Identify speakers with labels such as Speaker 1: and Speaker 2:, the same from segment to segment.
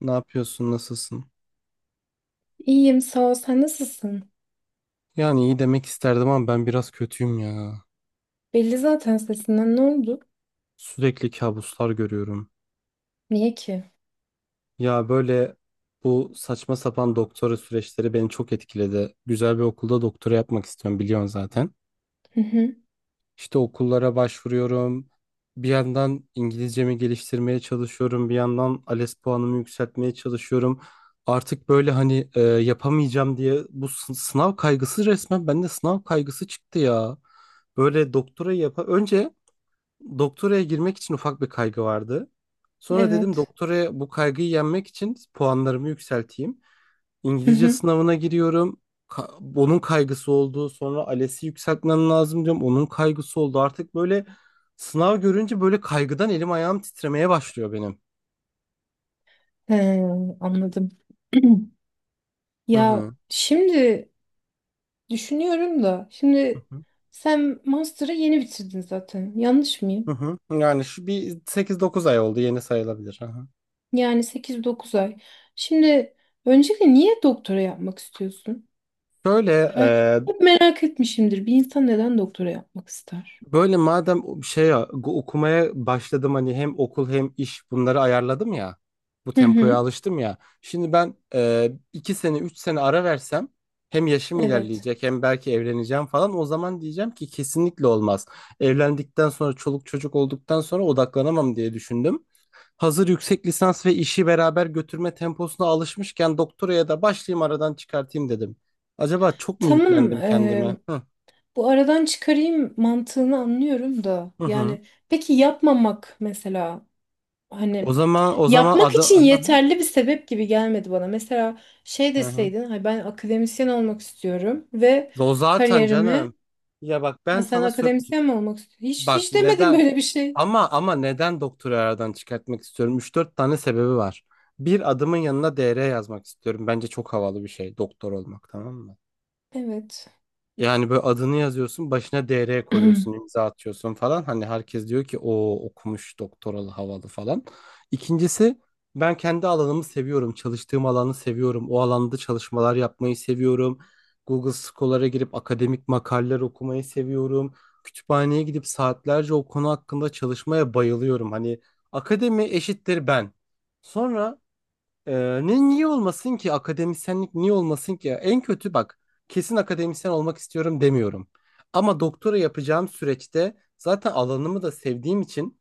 Speaker 1: Ne yapıyorsun? Nasılsın?
Speaker 2: İyiyim, sağ ol. Sen nasılsın?
Speaker 1: Yani iyi demek isterdim ama ben biraz kötüyüm ya.
Speaker 2: Belli zaten sesinden. Ne oldu?
Speaker 1: Sürekli kabuslar görüyorum.
Speaker 2: Niye ki?
Speaker 1: Ya böyle bu saçma sapan doktora süreçleri beni çok etkiledi. Güzel bir okulda doktora yapmak istiyorum, biliyorsun zaten.
Speaker 2: Hı hı.
Speaker 1: İşte okullara başvuruyorum. Bir yandan İngilizcemi geliştirmeye çalışıyorum. Bir yandan ALES puanımı yükseltmeye çalışıyorum. Artık böyle hani yapamayacağım diye bu sınav kaygısı, resmen bende sınav kaygısı çıktı ya. Böyle doktora yapa önce. Doktoraya girmek için ufak bir kaygı vardı. Sonra dedim
Speaker 2: Evet.
Speaker 1: doktoraya bu kaygıyı yenmek için puanlarımı yükselteyim.
Speaker 2: Hı
Speaker 1: İngilizce
Speaker 2: hı.
Speaker 1: sınavına giriyorum. Onun kaygısı oldu. Sonra ALES'i yükseltmem lazım diyorum. Onun kaygısı oldu. Artık böyle sınav görünce böyle kaygıdan elim ayağım titremeye başlıyor benim.
Speaker 2: He, anladım.
Speaker 1: Hı
Speaker 2: Ya
Speaker 1: hı.
Speaker 2: şimdi düşünüyorum da
Speaker 1: Hı
Speaker 2: şimdi
Speaker 1: hı.
Speaker 2: sen master'ı yeni bitirdin zaten. Yanlış
Speaker 1: Hı
Speaker 2: mıyım?
Speaker 1: hı. Yani şu bir 8-9 ay oldu, yeni sayılabilir. Hı hı.
Speaker 2: Yani sekiz dokuz ay. Şimdi öncelikle niye doktora yapmak istiyorsun?
Speaker 1: Şöyle.
Speaker 2: He, hep merak etmişimdir. Bir insan neden doktora yapmak ister?
Speaker 1: Böyle madem şey ya, okumaya başladım, hani hem okul hem iş bunları ayarladım ya. Bu
Speaker 2: Hı
Speaker 1: tempoya
Speaker 2: hı.
Speaker 1: alıştım ya. Şimdi ben 2 sene 3 sene ara versem, hem yaşım
Speaker 2: Evet.
Speaker 1: ilerleyecek hem belki evleneceğim falan. O zaman diyeceğim ki kesinlikle olmaz. Evlendikten sonra çoluk çocuk olduktan sonra odaklanamam diye düşündüm. Hazır yüksek lisans ve işi beraber götürme temposuna alışmışken doktoraya da başlayayım, aradan çıkartayım dedim. Acaba çok mu
Speaker 2: Tamam.
Speaker 1: yüklendim kendime? Hı
Speaker 2: Bu aradan çıkarayım mantığını anlıyorum da.
Speaker 1: hı. Hı.
Speaker 2: Yani peki yapmamak mesela
Speaker 1: O
Speaker 2: hani
Speaker 1: zaman o zaman
Speaker 2: yapmak
Speaker 1: adım.
Speaker 2: için
Speaker 1: Aha,
Speaker 2: yeterli bir sebep gibi gelmedi bana. Mesela şey
Speaker 1: hı hı.
Speaker 2: deseydin "Hayır, ben akademisyen olmak istiyorum ve
Speaker 1: O zaten
Speaker 2: kariyerime
Speaker 1: canım. Ya bak,
Speaker 2: ha
Speaker 1: ben
Speaker 2: sen
Speaker 1: sana söyleyeyim.
Speaker 2: akademisyen mi olmak istiyorsun? Hiç,
Speaker 1: Bak,
Speaker 2: hiç demedin
Speaker 1: neden
Speaker 2: böyle bir şey.
Speaker 1: ama ama neden doktoru aradan çıkartmak istiyorum? Üç dört tane sebebi var. Bir, adımın yanına Dr. yazmak istiyorum. Bence çok havalı bir şey doktor olmak, tamam mı?
Speaker 2: Evet.
Speaker 1: Yani böyle adını yazıyorsun, başına Dr. koyuyorsun, imza atıyorsun falan. Hani herkes diyor ki o okumuş doktoralı havalı falan. İkincisi, ben kendi alanımı seviyorum. Çalıştığım alanı seviyorum. O alanda çalışmalar yapmayı seviyorum. Google Scholar'a girip akademik makaleler okumayı seviyorum. Kütüphaneye gidip saatlerce o konu hakkında çalışmaya bayılıyorum. Hani akademi eşittir ben. Sonra ee, niye olmasın ki, akademisyenlik niye olmasın ki? En kötü bak, kesin akademisyen olmak istiyorum demiyorum. Ama doktora yapacağım süreçte zaten alanımı da sevdiğim için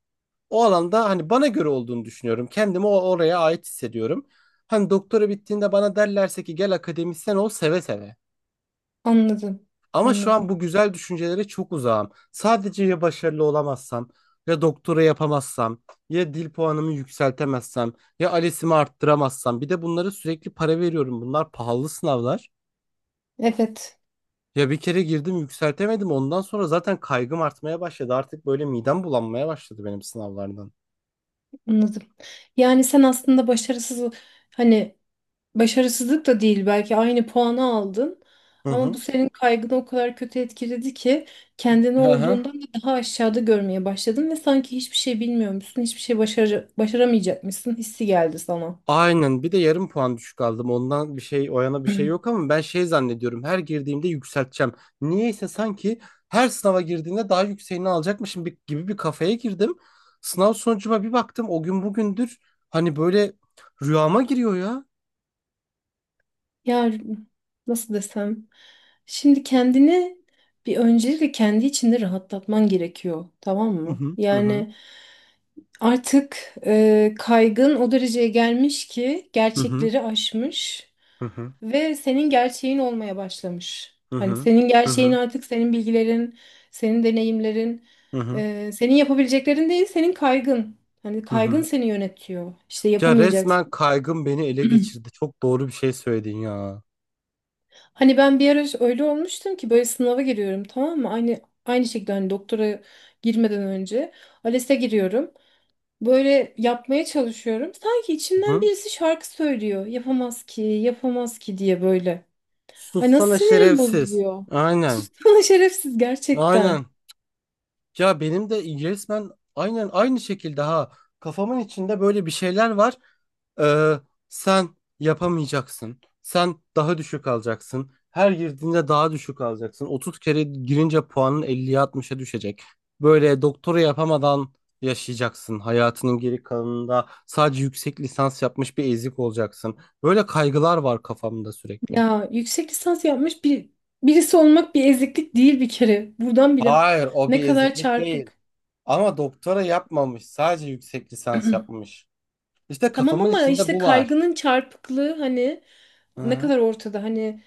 Speaker 1: o alanda hani bana göre olduğunu düşünüyorum. Kendimi oraya ait hissediyorum. Hani doktora bittiğinde bana derlerse ki gel akademisyen ol, seve seve.
Speaker 2: Anladım.
Speaker 1: Ama şu an bu
Speaker 2: Anladım.
Speaker 1: güzel düşüncelere çok uzağım. Sadece ya başarılı olamazsam, ya doktora yapamazsam, ya dil puanımı yükseltemezsem, ya ALES'imi arttıramazsam. Bir de bunlara sürekli para veriyorum. Bunlar pahalı sınavlar.
Speaker 2: Evet.
Speaker 1: Ya bir kere girdim, yükseltemedim. Ondan sonra zaten kaygım artmaya başladı. Artık böyle midem bulanmaya başladı benim sınavlardan.
Speaker 2: Anladım. Yani sen aslında başarısız hani başarısızlık da değil belki aynı puanı aldın
Speaker 1: Hı
Speaker 2: ama bu
Speaker 1: hı.
Speaker 2: senin kaygını o kadar kötü etkiledi ki kendini
Speaker 1: Hı hı.
Speaker 2: olduğundan da daha aşağıda görmeye başladın ve sanki hiçbir şey bilmiyormuşsun, hiçbir şey başaramayacakmışsın hissi geldi sana.
Speaker 1: Aynen, bir de yarım puan düşük aldım. Ondan bir şey o yana bir şey yok ama ben şey zannediyorum. Her girdiğimde yükselteceğim. Niyeyse sanki her sınava girdiğinde daha yükseğini alacakmışım gibi bir kafaya girdim. Sınav sonucuma bir baktım, o gün bugündür hani böyle rüyama giriyor ya.
Speaker 2: Ya nasıl desem? Şimdi kendini bir öncelikle kendi içinde rahatlatman gerekiyor, tamam
Speaker 1: Hı
Speaker 2: mı?
Speaker 1: hı, hı hı,
Speaker 2: Yani artık kaygın o dereceye gelmiş ki
Speaker 1: hı hı,
Speaker 2: gerçekleri aşmış.
Speaker 1: hı
Speaker 2: Ve senin gerçeğin olmaya başlamış.
Speaker 1: hı,
Speaker 2: Hani
Speaker 1: hı
Speaker 2: senin
Speaker 1: hı, hı
Speaker 2: gerçeğin
Speaker 1: hı,
Speaker 2: artık senin bilgilerin, senin deneyimlerin,
Speaker 1: hı hı,
Speaker 2: senin yapabileceklerin değil, senin kaygın. Hani
Speaker 1: hı
Speaker 2: kaygın
Speaker 1: hı.
Speaker 2: seni yönetiyor. İşte
Speaker 1: Ya resmen
Speaker 2: yapamayacaksın.
Speaker 1: kaygım beni ele geçirdi. Çok doğru bir şey söyledin ya.
Speaker 2: Hani ben bir ara öyle olmuştum ki böyle sınava giriyorum tamam mı? Aynı şekilde hani doktora girmeden önce ALES'e giriyorum. Böyle yapmaya çalışıyorum. Sanki
Speaker 1: Hı
Speaker 2: içimden
Speaker 1: hı.
Speaker 2: birisi şarkı söylüyor. Yapamaz ki, yapamaz ki diye böyle. Ay nasıl
Speaker 1: Sussana
Speaker 2: sinirim
Speaker 1: şerefsiz.
Speaker 2: bozuluyor.
Speaker 1: Aynen.
Speaker 2: Sussana şerefsiz gerçekten.
Speaker 1: Aynen. Ya benim de resmen aynen aynı şekilde, ha, kafamın içinde böyle bir şeyler var. Ee, sen yapamayacaksın. Sen daha düşük alacaksın. Her girdiğinde daha düşük alacaksın. 30 kere girince puanın 50'ye 60'a düşecek. Böyle doktora yapamadan yaşayacaksın. Hayatının geri kalanında sadece yüksek lisans yapmış bir ezik olacaksın. Böyle kaygılar var kafamda sürekli.
Speaker 2: Ya yüksek lisans yapmış bir birisi olmak bir eziklik değil bir kere. Buradan bile
Speaker 1: Hayır, o
Speaker 2: ne
Speaker 1: bir
Speaker 2: kadar
Speaker 1: eziklik değil.
Speaker 2: çarpık.
Speaker 1: Ama doktora yapmamış, sadece yüksek lisans yapmış. İşte
Speaker 2: Tamam
Speaker 1: kafamın
Speaker 2: ama
Speaker 1: içinde
Speaker 2: işte
Speaker 1: bu var.
Speaker 2: kaygının çarpıklığı hani
Speaker 1: Hı
Speaker 2: ne
Speaker 1: hı.
Speaker 2: kadar ortada. Hani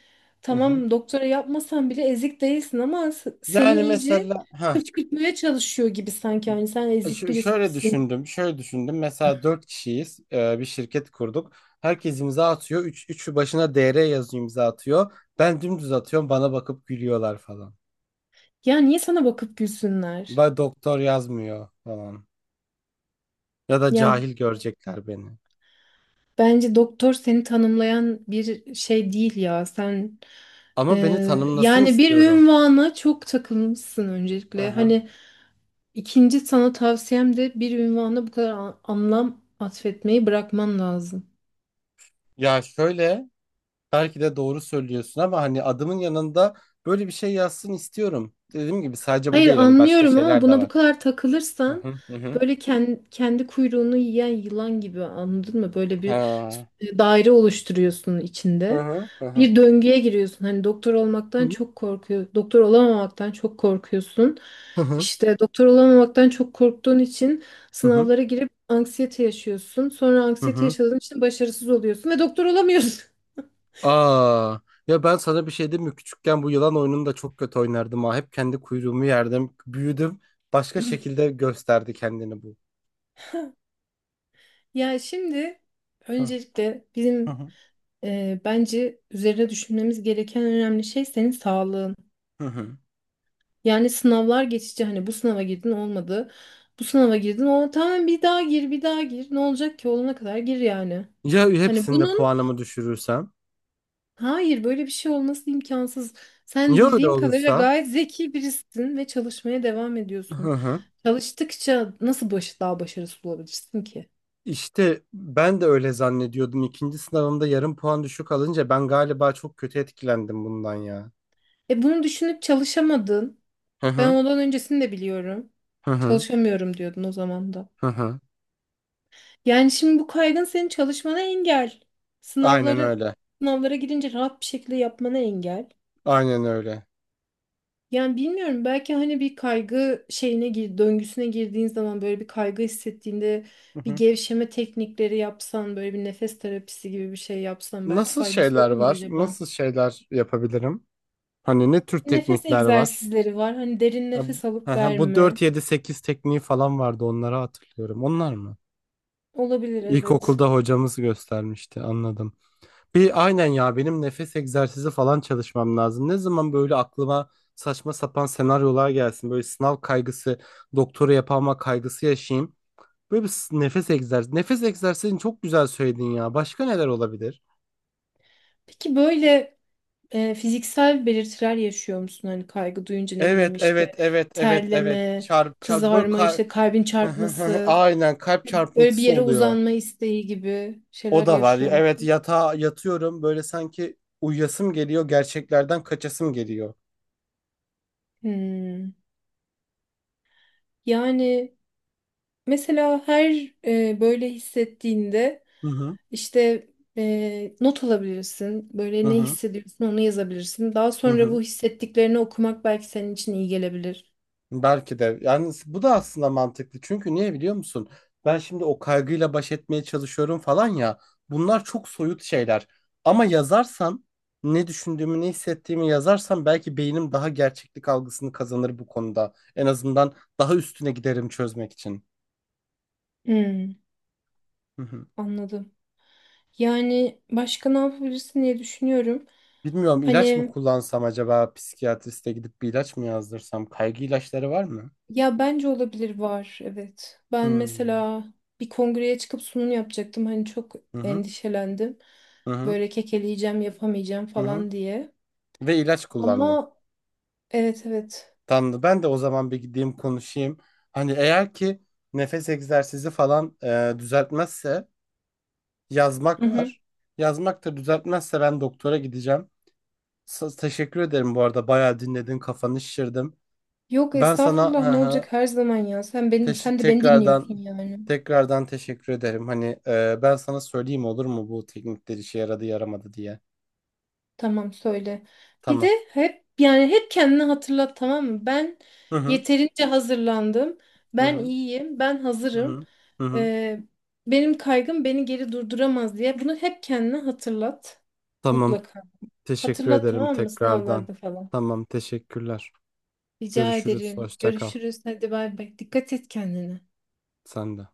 Speaker 1: Hı hı.
Speaker 2: tamam doktora yapmasan bile ezik değilsin ama seni
Speaker 1: Yani
Speaker 2: iyice
Speaker 1: mesela ha,
Speaker 2: kışkırtmaya çalışıyor gibi sanki. Hani sen ezik
Speaker 1: şöyle
Speaker 2: birisisin.
Speaker 1: düşündüm, şöyle düşündüm. Mesela dört kişiyiz, bir şirket kurduk. Herkes imza atıyor. Üçü başına Dr. yazıyor, imza atıyor. Ben dümdüz atıyorum, bana bakıp gülüyorlar falan.
Speaker 2: Ya niye sana bakıp gülsünler?
Speaker 1: Ben doktor yazmıyor falan. Ya da
Speaker 2: Ya
Speaker 1: cahil görecekler beni.
Speaker 2: bence doktor seni tanımlayan bir şey değil ya. Sen
Speaker 1: Ama beni tanımlasın
Speaker 2: yani bir
Speaker 1: istiyorum.
Speaker 2: ünvana çok takılmışsın
Speaker 1: Hı
Speaker 2: öncelikle.
Speaker 1: hı.
Speaker 2: Hani ikinci sana tavsiyem de bir ünvana bu kadar anlam atfetmeyi bırakman lazım.
Speaker 1: Ya şöyle, belki de doğru söylüyorsun ama hani adımın yanında böyle bir şey yazsın istiyorum. Dediğim gibi sadece bu
Speaker 2: Hayır
Speaker 1: değil, hani başka
Speaker 2: anlıyorum ama
Speaker 1: şeyler de
Speaker 2: buna bu
Speaker 1: var.
Speaker 2: kadar
Speaker 1: Hı
Speaker 2: takılırsan
Speaker 1: hı, hı hı.
Speaker 2: böyle kendi kuyruğunu yiyen yılan gibi anladın mı? Böyle bir
Speaker 1: Ha.
Speaker 2: daire oluşturuyorsun
Speaker 1: Hı
Speaker 2: içinde.
Speaker 1: hı, hı hı.
Speaker 2: Bir döngüye giriyorsun. Hani doktor
Speaker 1: Hı
Speaker 2: olmaktan çok korkuyor. Doktor olamamaktan çok korkuyorsun.
Speaker 1: hı,
Speaker 2: İşte doktor olamamaktan çok korktuğun için
Speaker 1: hı hı.
Speaker 2: sınavlara girip anksiyete yaşıyorsun. Sonra
Speaker 1: Hı
Speaker 2: anksiyete
Speaker 1: hı.
Speaker 2: yaşadığın için başarısız oluyorsun ve doktor olamıyorsun.
Speaker 1: Aa, ya ben sana bir şey diyeyim mi? Küçükken bu yılan oyununu da çok kötü oynardım ha. Hep kendi kuyruğumu yerdim. Büyüdüm. Başka şekilde gösterdi kendini bu.
Speaker 2: Ya şimdi
Speaker 1: Hı
Speaker 2: öncelikle
Speaker 1: hı,
Speaker 2: bizim
Speaker 1: hı.
Speaker 2: Bence üzerine düşünmemiz gereken önemli şey senin sağlığın.
Speaker 1: Hı.
Speaker 2: Yani sınavlar geçici hani bu sınava girdin olmadı. Bu sınava girdin o tamam bir daha gir bir daha gir. Ne olacak ki olana kadar gir yani.
Speaker 1: Ya
Speaker 2: Hani
Speaker 1: hepsinde
Speaker 2: bunun
Speaker 1: puanımı düşürürsem?
Speaker 2: hayır böyle bir şey olması imkansız. Sen
Speaker 1: Ya öyle
Speaker 2: bildiğim kadarıyla
Speaker 1: olursa?
Speaker 2: gayet zeki birisin ve çalışmaya devam
Speaker 1: Hı
Speaker 2: ediyorsun.
Speaker 1: hı.
Speaker 2: Çalıştıkça nasıl daha başarısız olabilirsin ki?
Speaker 1: İşte ben de öyle zannediyordum. İkinci sınavımda yarım puan düşük alınca ben galiba çok kötü etkilendim bundan ya.
Speaker 2: E bunu düşünüp çalışamadın.
Speaker 1: Hı
Speaker 2: Ben
Speaker 1: hı,
Speaker 2: ondan öncesini de biliyorum.
Speaker 1: hı hı,
Speaker 2: Çalışamıyorum diyordun o zaman da.
Speaker 1: hı hı.
Speaker 2: Yani şimdi bu kaygın senin çalışmana engel.
Speaker 1: Aynen
Speaker 2: Sınavları
Speaker 1: öyle.
Speaker 2: sınavlara girince rahat bir şekilde yapmana engel.
Speaker 1: Aynen öyle.
Speaker 2: Yani bilmiyorum belki hani bir kaygı şeyine döngüsüne girdiğin zaman böyle bir kaygı hissettiğinde
Speaker 1: Hı
Speaker 2: bir
Speaker 1: hı.
Speaker 2: gevşeme teknikleri yapsan, böyle bir nefes terapisi gibi bir şey yapsan belki
Speaker 1: Nasıl
Speaker 2: faydası
Speaker 1: şeyler
Speaker 2: olur mu
Speaker 1: var?
Speaker 2: acaba?
Speaker 1: Nasıl şeyler yapabilirim? Hani ne tür
Speaker 2: Nefes
Speaker 1: teknikler var?
Speaker 2: egzersizleri var. Hani derin
Speaker 1: Ha,
Speaker 2: nefes
Speaker 1: hı
Speaker 2: alıp
Speaker 1: hı. Bu
Speaker 2: verme.
Speaker 1: 4-7-8 tekniği falan vardı, onları hatırlıyorum. Onlar mı?
Speaker 2: Olabilir evet.
Speaker 1: İlkokulda hocamız göstermişti, anladım. Bir aynen ya, benim nefes egzersizi falan çalışmam lazım. Ne zaman böyle aklıma saçma sapan senaryolar gelsin. Böyle sınav kaygısı, doktora yapama kaygısı yaşayayım. Böyle bir nefes egzersizi. Nefes egzersizini çok güzel söyledin ya. Başka neler olabilir?
Speaker 2: Peki böyle fiziksel belirtiler yaşıyor musun? Hani kaygı duyunca ne bileyim
Speaker 1: Evet, evet,
Speaker 2: işte
Speaker 1: evet, evet, evet.
Speaker 2: terleme,
Speaker 1: Çarp, çarp, böyle
Speaker 2: kızarma, işte kalbin çarpması,
Speaker 1: Aynen, kalp
Speaker 2: böyle bir
Speaker 1: çarpıntısı
Speaker 2: yere
Speaker 1: oluyor.
Speaker 2: uzanma isteği gibi
Speaker 1: O
Speaker 2: şeyler
Speaker 1: da var.
Speaker 2: yaşıyor
Speaker 1: Evet,
Speaker 2: musun?
Speaker 1: yatağa yatıyorum. Böyle sanki uyuyasım geliyor. Gerçeklerden kaçasım geliyor.
Speaker 2: Hmm. Yani mesela her böyle hissettiğinde
Speaker 1: Hı hı,
Speaker 2: işte not alabilirsin.
Speaker 1: hı
Speaker 2: Böyle ne
Speaker 1: hı,
Speaker 2: hissediyorsun onu yazabilirsin. Daha
Speaker 1: hı
Speaker 2: sonra
Speaker 1: hı.
Speaker 2: bu hissettiklerini okumak belki senin için iyi gelebilir.
Speaker 1: Belki de. Yani bu da aslında mantıklı. Çünkü niye biliyor musun? Ben şimdi o kaygıyla baş etmeye çalışıyorum falan ya. Bunlar çok soyut şeyler. Ama yazarsam ne düşündüğümü, ne hissettiğimi yazarsam belki beynim daha gerçeklik algısını kazanır bu konuda. En azından daha üstüne giderim çözmek için.
Speaker 2: Hmm,
Speaker 1: Hı hı.
Speaker 2: anladım. Yani başka ne yapabilirsin diye düşünüyorum.
Speaker 1: Bilmiyorum, ilaç mı
Speaker 2: Hani
Speaker 1: kullansam? Acaba psikiyatriste gidip bir ilaç mı yazdırsam? Kaygı ilaçları var mı?
Speaker 2: ya bence olabilir var evet. Ben
Speaker 1: Hmm.
Speaker 2: mesela bir kongreye çıkıp sunum yapacaktım. Hani çok
Speaker 1: Hı hı.
Speaker 2: endişelendim.
Speaker 1: Hı hı.
Speaker 2: Böyle kekeleyeceğim yapamayacağım
Speaker 1: Hı hı.
Speaker 2: falan diye.
Speaker 1: Ve ilaç kullandım.
Speaker 2: Ama evet evet.
Speaker 1: Tamam, ben de o zaman bir gideyim konuşayım. Hani eğer ki nefes egzersizi falan düzeltmezse, yazmak
Speaker 2: Hı hı.
Speaker 1: var. Yazmak da düzeltmezse ben doktora gideceğim. Teşekkür ederim, bu arada bayağı dinledin, kafanı şişirdim.
Speaker 2: Yok
Speaker 1: Ben sana
Speaker 2: estağfurullah
Speaker 1: hı
Speaker 2: ne
Speaker 1: hı,
Speaker 2: olacak her zaman ya. Sen beni
Speaker 1: teş-
Speaker 2: sen de beni dinliyorsun
Speaker 1: tekrardan
Speaker 2: yani.
Speaker 1: tekrardan teşekkür ederim. Hani ben sana söyleyeyim olur mu, bu teknikler işe yaradı yaramadı diye.
Speaker 2: Tamam söyle. Bir de
Speaker 1: Tamam.
Speaker 2: hep yani hep kendini hatırlat tamam mı? Ben
Speaker 1: Hı hı.
Speaker 2: yeterince hazırlandım.
Speaker 1: Hı
Speaker 2: Ben
Speaker 1: hı.
Speaker 2: iyiyim. Ben
Speaker 1: Hı
Speaker 2: hazırım.
Speaker 1: hı. Hı hı.
Speaker 2: Ee, benim kaygım beni geri durduramaz diye. Bunu hep kendine hatırlat.
Speaker 1: Tamam.
Speaker 2: Mutlaka.
Speaker 1: Teşekkür
Speaker 2: Hatırlat
Speaker 1: ederim
Speaker 2: tamam mı?
Speaker 1: tekrardan.
Speaker 2: Sınavlarda falan.
Speaker 1: Tamam, teşekkürler.
Speaker 2: Rica
Speaker 1: Görüşürüz.
Speaker 2: ederim.
Speaker 1: Hoşça kal.
Speaker 2: Görüşürüz. Hadi bay bay. Dikkat et kendine.
Speaker 1: Sen de.